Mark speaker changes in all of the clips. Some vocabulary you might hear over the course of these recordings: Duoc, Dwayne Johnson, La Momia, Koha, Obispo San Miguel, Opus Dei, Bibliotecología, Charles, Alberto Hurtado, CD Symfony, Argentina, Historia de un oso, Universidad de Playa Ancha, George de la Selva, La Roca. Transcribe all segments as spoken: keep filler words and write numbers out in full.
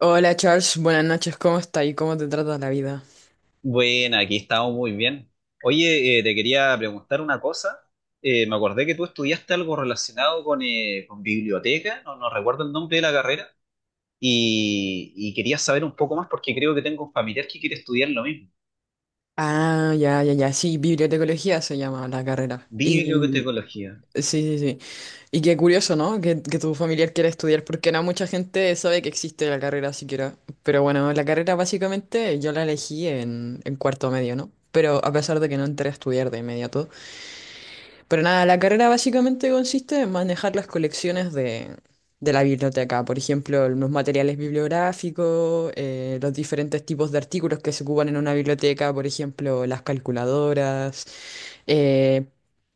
Speaker 1: Hola Charles, buenas noches, ¿cómo está y cómo te trata la vida?
Speaker 2: Bueno, aquí estamos muy bien. Oye, eh, te quería preguntar una cosa. Eh, me acordé que tú estudiaste algo relacionado con, eh, con biblioteca, no, no recuerdo el nombre de la carrera, y, y quería saber un poco más porque creo que tengo un familiar que quiere estudiar lo mismo.
Speaker 1: Ah, ya, ya, ya, sí, bibliotecología se llama la carrera. Y
Speaker 2: Bibliotecología.
Speaker 1: sí, sí, sí. Y qué curioso, ¿no? Que, que tu familiar quiera estudiar, porque no mucha gente sabe que existe la carrera siquiera. Pero bueno, la carrera básicamente yo la elegí en, en cuarto medio, ¿no? Pero a pesar de que no entré a estudiar de inmediato, pero nada, la carrera básicamente consiste en manejar las colecciones de, de la biblioteca, por ejemplo, los materiales bibliográficos, eh, los diferentes tipos de artículos que se ocupan en una biblioteca, por ejemplo, las calculadoras. eh,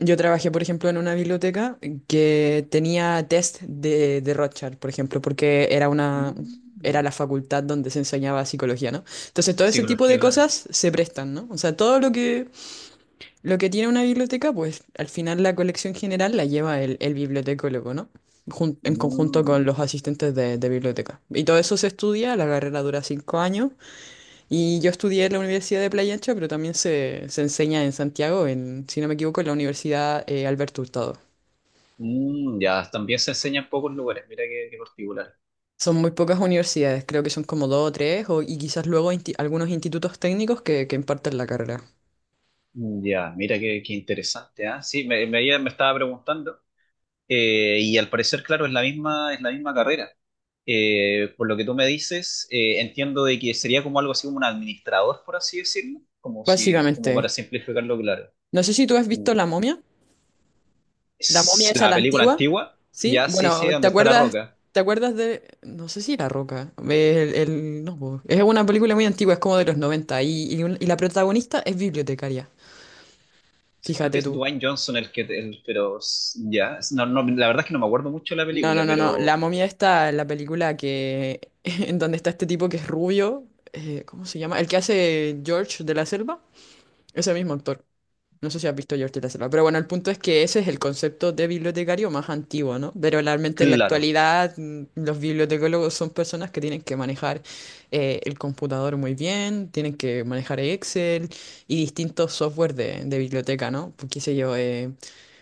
Speaker 1: yo trabajé, por ejemplo, en una biblioteca que tenía test de, de Rorschach, por ejemplo, porque era una... era
Speaker 2: Mm,
Speaker 1: la facultad donde se enseñaba psicología, ¿no? Entonces, todo ese tipo de
Speaker 2: psicología, claro.
Speaker 1: cosas se prestan, ¿no? O sea, todo lo que lo que tiene una biblioteca, pues al final la colección general la lleva el, el bibliotecólogo, ¿no? Jun- en conjunto con
Speaker 2: Mm,
Speaker 1: los asistentes de, de biblioteca. Y todo eso se estudia, la carrera dura cinco años, y yo estudié en la Universidad de Playa Ancha, pero también se, se enseña en Santiago, en, si no me equivoco, en la Universidad eh, Alberto Hurtado.
Speaker 2: mm, ya, también se enseña en pocos lugares, mira qué, qué particular.
Speaker 1: Son muy pocas universidades, creo que son como dos o tres, o- y quizás luego insti- algunos institutos técnicos que, que imparten la carrera.
Speaker 2: Mm, Ya, mira qué, qué interesante, ¿ah? Sí, me, me, me estaba preguntando. Eh, y al parecer, claro, es la misma, es la misma carrera. Eh, por lo que tú me dices, eh, entiendo de que sería como algo así como un administrador, por así decirlo, como si, como para
Speaker 1: Básicamente,
Speaker 2: simplificarlo, claro.
Speaker 1: no sé si tú has
Speaker 2: Mm.
Speaker 1: visto La Momia. La momia
Speaker 2: Es
Speaker 1: esa,
Speaker 2: la
Speaker 1: la
Speaker 2: película
Speaker 1: antigua,
Speaker 2: antigua,
Speaker 1: ¿sí?
Speaker 2: ya sí sé
Speaker 1: Bueno, ¿te
Speaker 2: dónde está la
Speaker 1: acuerdas,
Speaker 2: Roca.
Speaker 1: ¿te acuerdas de, no sé si La Roca, el, el- no, po. Es una película muy antigua, es como de los noventa y, y un- y la protagonista es bibliotecaria,
Speaker 2: Sí, creo que
Speaker 1: fíjate
Speaker 2: es
Speaker 1: tú.
Speaker 2: Dwayne Johnson el que, el- pero s- ya, es- no, no, la verdad es que no me acuerdo mucho de la
Speaker 1: No,
Speaker 2: película,
Speaker 1: no, no, no, la
Speaker 2: pero
Speaker 1: momia está en la película que, en donde está este tipo que es rubio, eh, ¿cómo se llama? El que hace George de la Selva, ese mismo actor. No sé si has visto George de la Selva, pero bueno, el punto es que ese es el concepto de bibliotecario más antiguo, ¿no? Pero realmente en la
Speaker 2: claro.
Speaker 1: actualidad mm, los bibliotecólogos son personas que tienen que manejar eh, el computador muy bien, tienen que manejar Excel y distintos software de, de biblioteca, ¿no? Pues, qué sé yo, eh,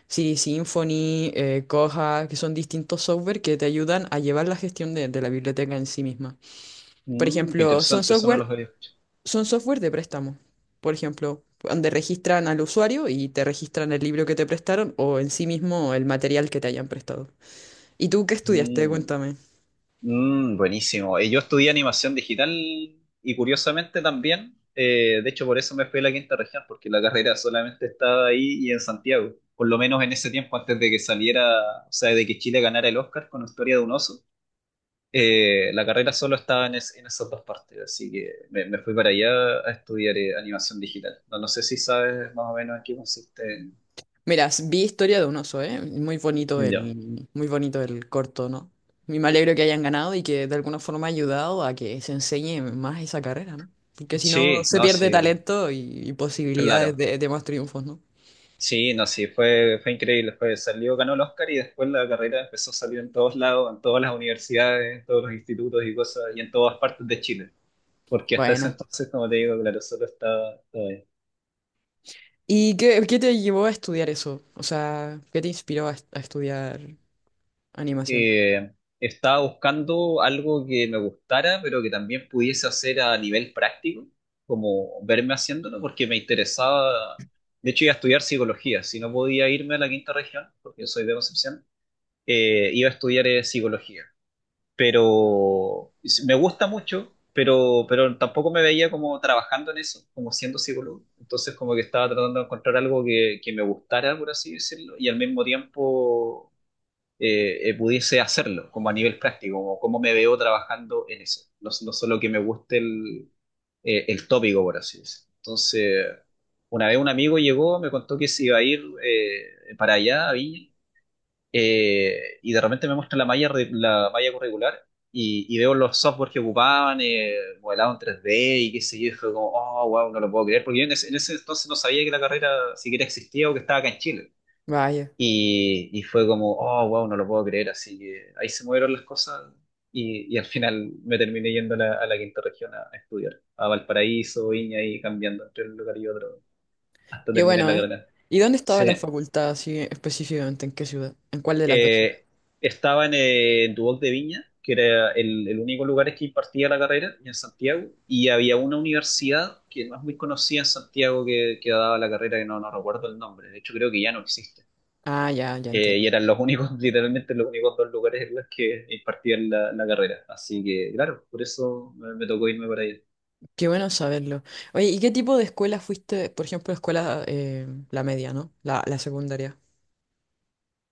Speaker 1: C D Symfony, eh, Koha, que son distintos software que te ayudan a llevar la gestión de, de la biblioteca en sí misma. Por
Speaker 2: Mm, qué
Speaker 1: ejemplo, son
Speaker 2: interesante, eso no lo
Speaker 1: software
Speaker 2: había escuchado.
Speaker 1: son software de préstamo, por ejemplo, donde registran al usuario y te registran el libro que te prestaron o en sí mismo el material que te hayan prestado. ¿Y tú qué estudiaste?
Speaker 2: Mm.
Speaker 1: Cuéntame.
Speaker 2: Mm, buenísimo. Eh, Yo estudié animación digital y curiosamente también, eh, de hecho por eso me fui a la quinta región, porque la carrera solamente estaba ahí y en Santiago, por lo menos en ese tiempo antes de que saliera, o sea, de que Chile ganara el Oscar con Historia de un Oso. Eh, la carrera solo estaba en, es- en esas dos partes, así que me, me fui para allá a estudiar eh, animación digital. No, no sé si sabes más o menos en qué consiste.
Speaker 1: Mira, s- vi Historia de un oso, ¿eh? Muy bonito
Speaker 2: Ya.
Speaker 1: el, muy bonito el corto, ¿no? Y me alegro que hayan ganado y que de alguna forma ha ayudado a que se enseñe más esa carrera, ¿no? Porque si
Speaker 2: Sí,
Speaker 1: no, se
Speaker 2: no,
Speaker 1: pierde
Speaker 2: sí,
Speaker 1: talento y, y posibilidades
Speaker 2: claro.
Speaker 1: de, de más triunfos, ¿no?
Speaker 2: Sí, no, sí, fue, fue increíble. Fue, salió, ganó el Oscar y después la carrera empezó a salir en todos lados, en todas las universidades, en todos los institutos y cosas, y en todas partes de Chile. Porque hasta ese
Speaker 1: Buena.
Speaker 2: entonces, como te digo, claro, solo estaba, estaba ahí.
Speaker 1: ¿Y qué, qué te llevó a estudiar eso? O sea, ¿qué te inspiró a, a estudiar animación?
Speaker 2: Eh, Estaba buscando algo que me gustara, pero que también pudiese hacer a nivel práctico, como verme haciéndolo, porque me interesaba. De hecho, iba a estudiar psicología. Si no podía irme a la quinta región, porque yo soy de Concepción, eh, iba a estudiar eh, psicología, pero me gusta mucho, pero, pero tampoco me veía como trabajando en eso, como siendo psicólogo. Entonces como que estaba tratando de encontrar algo que, que me gustara, por así decirlo, y al mismo tiempo eh, eh, pudiese hacerlo, como a nivel práctico, como cómo me veo trabajando en eso. No, no solo que me guste el, eh, el tópico, por así decirlo. Entonces, una vez un amigo llegó, me contó que se iba a ir eh, para allá, a Viña, eh, y de repente me muestra la malla, re- la malla curricular y, y veo los software que ocupaban, eh, modelado en tres D y qué sé yo, y fue como, oh, wow, no lo puedo creer, porque yo en ese, en ese entonces no sabía que la carrera siquiera existía o que estaba acá en Chile.
Speaker 1: Vaya.
Speaker 2: Y, y fue como, oh, wow, no lo puedo creer, así que ahí se movieron las cosas y, y al final me terminé yendo a la, a la quinta región a, a estudiar, a Valparaíso, Viña y cambiando entre un lugar y otro hasta
Speaker 1: Qué
Speaker 2: terminar
Speaker 1: bueno,
Speaker 2: la
Speaker 1: ¿eh?
Speaker 2: carrera.
Speaker 1: ¿Y dónde estaba la
Speaker 2: Sí.
Speaker 1: facultad así específicamente? ¿En qué ciudad? ¿En cuál de las dos ciudades?
Speaker 2: eh, estaba en, eh, en Duoc de Viña, que era el, el único lugar que impartía la carrera, y en Santiago, y había una universidad que no es muy conocida en Santiago que, que daba la carrera, que no, no recuerdo el nombre, de hecho creo que ya no existe.
Speaker 1: Ah, ya, ya
Speaker 2: Eh,
Speaker 1: entiendo.
Speaker 2: y eran los únicos, literalmente los únicos dos lugares en los que impartían la, la carrera. Así que, claro, por eso me, me tocó irme para allá.
Speaker 1: Qué bueno saberlo. Oye, ¿y qué tipo de escuela fuiste? Por ejemplo, escuela, eh, la media, ¿no? La, la secundaria.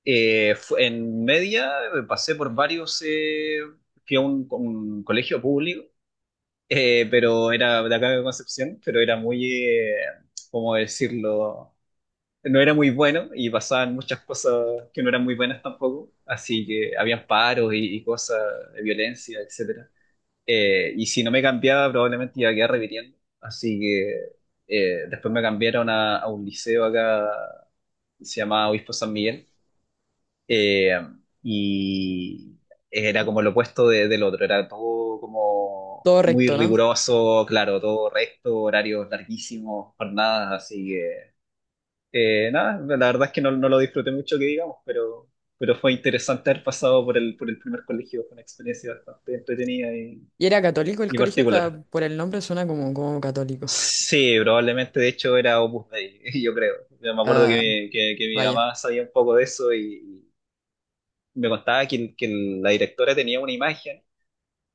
Speaker 2: Eh, fu- en media eh, pasé por varios, eh, fui a un, un colegio público. Eh, pero era de acá de Concepción, pero era muy, eh, ¿cómo decirlo? No era muy bueno y pasaban muchas cosas que no eran muy buenas tampoco, así que habían paros y, y cosas de violencia, etcétera. Eh, y si no me cambiaba, probablemente iba a quedar repitiendo, así que eh, después me cambiaron a, a un liceo acá, se llamaba Obispo San Miguel, eh, y era como lo opuesto de- del otro, era todo como
Speaker 1: Todo
Speaker 2: muy
Speaker 1: recto, ¿no?
Speaker 2: riguroso, claro, todo recto, horarios larguísimos, jornadas, así que eh, nada, la verdad es que no, no lo disfruté mucho que digamos, pero, pero fue interesante haber pasado por el, por el primer colegio, fue una experiencia bastante entretenida y,
Speaker 1: ¿Y era católico el
Speaker 2: y
Speaker 1: colegio? O sea,
Speaker 2: particular.
Speaker 1: por el nombre suena como, como católico.
Speaker 2: Sí, probablemente de hecho era Opus Dei, yo creo. Yo me acuerdo que
Speaker 1: Ah,
Speaker 2: mi, que, que mi
Speaker 1: vaya.
Speaker 2: mamá sabía un poco de eso y me contaba que, que la directora tenía una imagen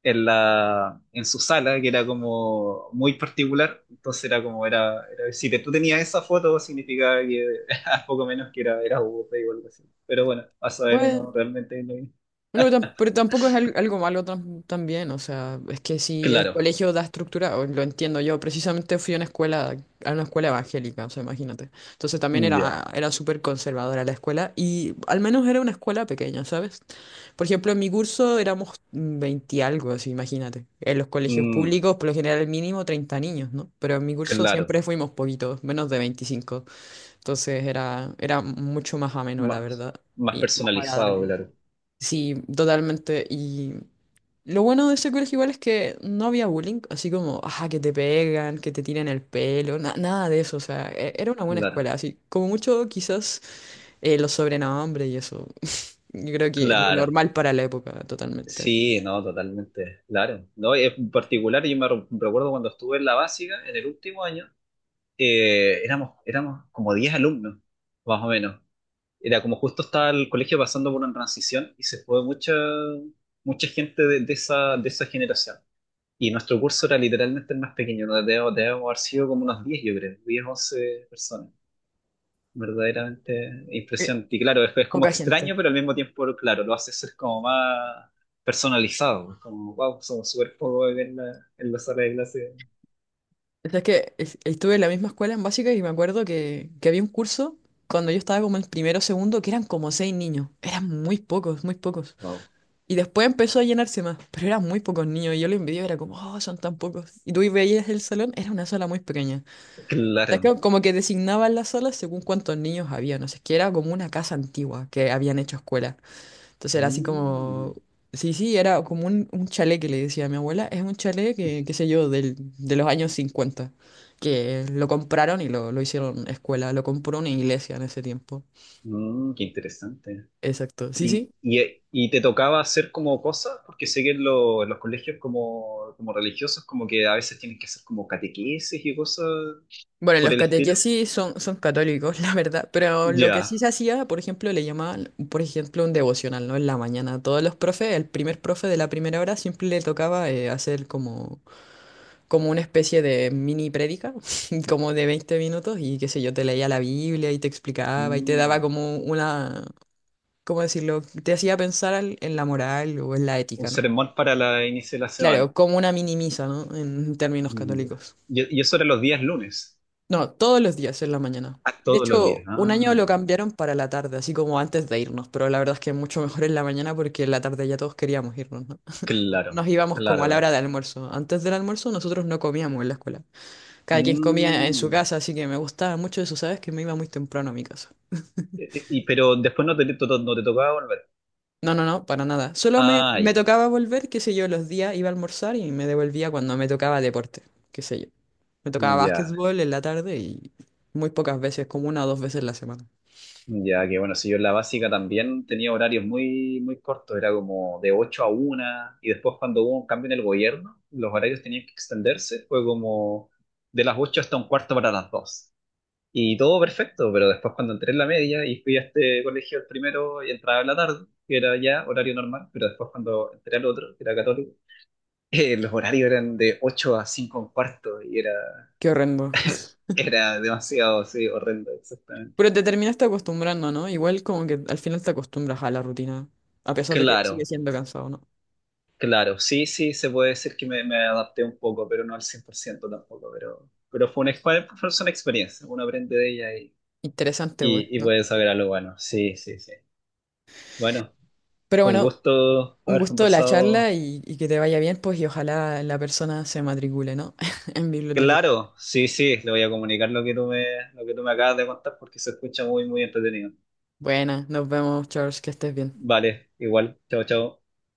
Speaker 2: en la, en su sala que era como muy particular, entonces era como, era, era- si te- tú tenías esa foto significaba que poco menos que era, era Buda o algo así. Pero bueno, a saber
Speaker 1: Bueno.
Speaker 2: uno realmente. Lo
Speaker 1: Bueno, pero tam- pero tampoco es al- algo malo tam- también, o sea, es que si el
Speaker 2: claro,
Speaker 1: colegio da estructura, o lo entiendo yo, precisamente fui a una escuela, a una escuela evangélica, o sea, imagínate. Entonces también era,
Speaker 2: ya,
Speaker 1: era súper conservadora la escuela y al menos era una escuela pequeña, ¿sabes? Por ejemplo, en mi curso éramos veinte y algo, así, imagínate. En los colegios
Speaker 2: Mm,
Speaker 1: públicos, por lo general, el mínimo treinta niños, ¿no? Pero en mi curso
Speaker 2: claro,
Speaker 1: siempre fuimos poquitos, menos de veinticinco, entonces era, era mucho más ameno, la
Speaker 2: más,
Speaker 1: verdad,
Speaker 2: más
Speaker 1: y más
Speaker 2: personalizado,
Speaker 1: agradable.
Speaker 2: claro,
Speaker 1: Sí, totalmente. Y lo bueno de ese colegio igual es que no había bullying, así como, ajá, que te pegan, que te tiran el pelo, na- nada de eso. O sea, e- era una buena
Speaker 2: claro,
Speaker 1: escuela, así como mucho quizás eh, los sobrenombres y eso. Yo creo que lo
Speaker 2: claro.
Speaker 1: normal para la época, totalmente.
Speaker 2: Sí, no, totalmente, claro. No, en particular yo me re- recuerdo cuando estuve en la básica, en el último año, eh, éramos, éramos como diez alumnos, más o menos. Era como justo estaba el colegio pasando por una transición y se fue mucha, mucha gente de, de esa, de esa generación. Y nuestro curso era literalmente el más pequeño, no debemos, debemos haber sido como unos diez yo creo, diez, once personas. Verdaderamente
Speaker 1: Eh,
Speaker 2: impresionante. Y claro, es, es como
Speaker 1: Poca gente.
Speaker 2: extraño, pero al mismo tiempo, claro, lo hace ser como más personalizado. Es como, wow, somos súper pocos en la, en la sala de clase.
Speaker 1: O sea, es que es- estuve en la misma escuela en básica y me acuerdo que, que había un curso cuando yo estaba como en primero o segundo que eran como seis niños. Eran muy pocos, muy pocos.
Speaker 2: Wow,
Speaker 1: Y después empezó a llenarse más, pero eran muy pocos niños y yo lo envidiaba, era como, oh, son tan pocos. Y tú veías el salón, era una sala muy pequeña. O sea,
Speaker 2: claro.
Speaker 1: que como que designaban las salas según cuántos niños había, no sé, es que era como una casa antigua que habían hecho escuela. Entonces era así
Speaker 2: Mm.
Speaker 1: como, sí, sí, era como un, un chalet que le decía a mi abuela, es un chalet que, qué sé yo, del, de los años cincuenta que lo compraron y lo, lo hicieron escuela, lo compró una iglesia en ese tiempo.
Speaker 2: Mm, qué interesante.
Speaker 1: Exacto, sí,
Speaker 2: ¿Y,
Speaker 1: sí.
Speaker 2: y, y te tocaba hacer como cosas? Porque sé que en, lo- en los colegios como, como religiosos como que a veces tienes que hacer como catequesis y cosas
Speaker 1: Bueno,
Speaker 2: por
Speaker 1: los
Speaker 2: el estilo.
Speaker 1: catequesis son, son católicos, la verdad, pero lo que sí
Speaker 2: Ya.
Speaker 1: se hacía, por ejemplo, le llamaban, por ejemplo, un devocional, ¿no? En la mañana, todos los profes, el primer profe de la primera hora siempre le tocaba eh, hacer como, como una especie de mini prédica, como de veinte minutos, y qué sé yo, te leía la Biblia y te explicaba y te daba
Speaker 2: Mm,
Speaker 1: como una, ¿cómo decirlo? Te hacía pensar al- en la moral o en la
Speaker 2: un
Speaker 1: ética, ¿no?
Speaker 2: sermón para la inicio de la semana.
Speaker 1: Claro, como una mini misa, ¿no? En términos
Speaker 2: Mm, ya.
Speaker 1: católicos.
Speaker 2: Y, y eso era los días lunes.
Speaker 1: No, todos los días en la mañana.
Speaker 2: Ah,
Speaker 1: De
Speaker 2: todos los días.
Speaker 1: hecho, un
Speaker 2: Ah,
Speaker 1: año lo
Speaker 2: ya,
Speaker 1: cambiaron para la tarde, así como antes de irnos, pero la verdad es que mucho mejor en la mañana porque en la tarde ya todos queríamos irnos, ¿no?
Speaker 2: claro,
Speaker 1: Nos íbamos como
Speaker 2: claro,
Speaker 1: a la
Speaker 2: claro.
Speaker 1: hora de almuerzo. Antes del almuerzo nosotros no comíamos en la escuela. Cada quien comía en su
Speaker 2: Mm,
Speaker 1: casa, así que me gustaba mucho eso, ¿sabes? Que me iba muy temprano a mi casa.
Speaker 2: y, y- pero después no te, to- no te tocaba volver.
Speaker 1: No, no, no, para nada. Solo me,
Speaker 2: Ah,
Speaker 1: me
Speaker 2: ya.
Speaker 1: tocaba volver, qué sé yo, los días iba a almorzar y me devolvía cuando me tocaba deporte, qué sé yo. Me tocaba
Speaker 2: Ya.
Speaker 1: básquetbol en la tarde y muy pocas veces, como una o dos veces la semana.
Speaker 2: Ya que bueno, si yo en la básica también tenía horarios muy, muy cortos, era como de ocho a una y después cuando hubo un cambio en el gobierno, los horarios tenían que extenderse, fue como de las ocho hasta un cuarto para las dos. Y todo perfecto, pero después cuando entré en la media y fui a este colegio el primero y entraba en la tarde, que era ya horario normal, pero después cuando entré al otro, que era católico, eh, los horarios eran de ocho a cinco un cuarto y era,
Speaker 1: Qué horrendo.
Speaker 2: era demasiado, sí, horrendo, exactamente.
Speaker 1: Pero te terminaste acostumbrando, ¿no? Igual como que al final te acostumbras a la rutina, a pesar de que sigue
Speaker 2: Claro,
Speaker 1: siendo cansado, ¿no?
Speaker 2: claro, sí, sí, se puede decir que me, me adapté un poco, pero no al cien por ciento tampoco, pero, pero fue una, exper- fue una experiencia, uno aprende de ella y,
Speaker 1: Interesante, pues,
Speaker 2: y, y
Speaker 1: ¿no?
Speaker 2: puede saber algo bueno, sí, sí, sí. Bueno,
Speaker 1: Pero
Speaker 2: con
Speaker 1: bueno,
Speaker 2: gusto
Speaker 1: un
Speaker 2: haber
Speaker 1: gusto la
Speaker 2: conversado.
Speaker 1: charla y, y que te vaya bien, pues, y ojalá la persona se matricule, ¿no? En biblioteca.
Speaker 2: Claro, sí, sí, le voy a comunicar lo que tú me, lo que tú me acabas de contar porque se escucha muy, muy entretenido.
Speaker 1: Buena, nos vemos, Charles, que estés bien.
Speaker 2: Vale, igual, chao, chao.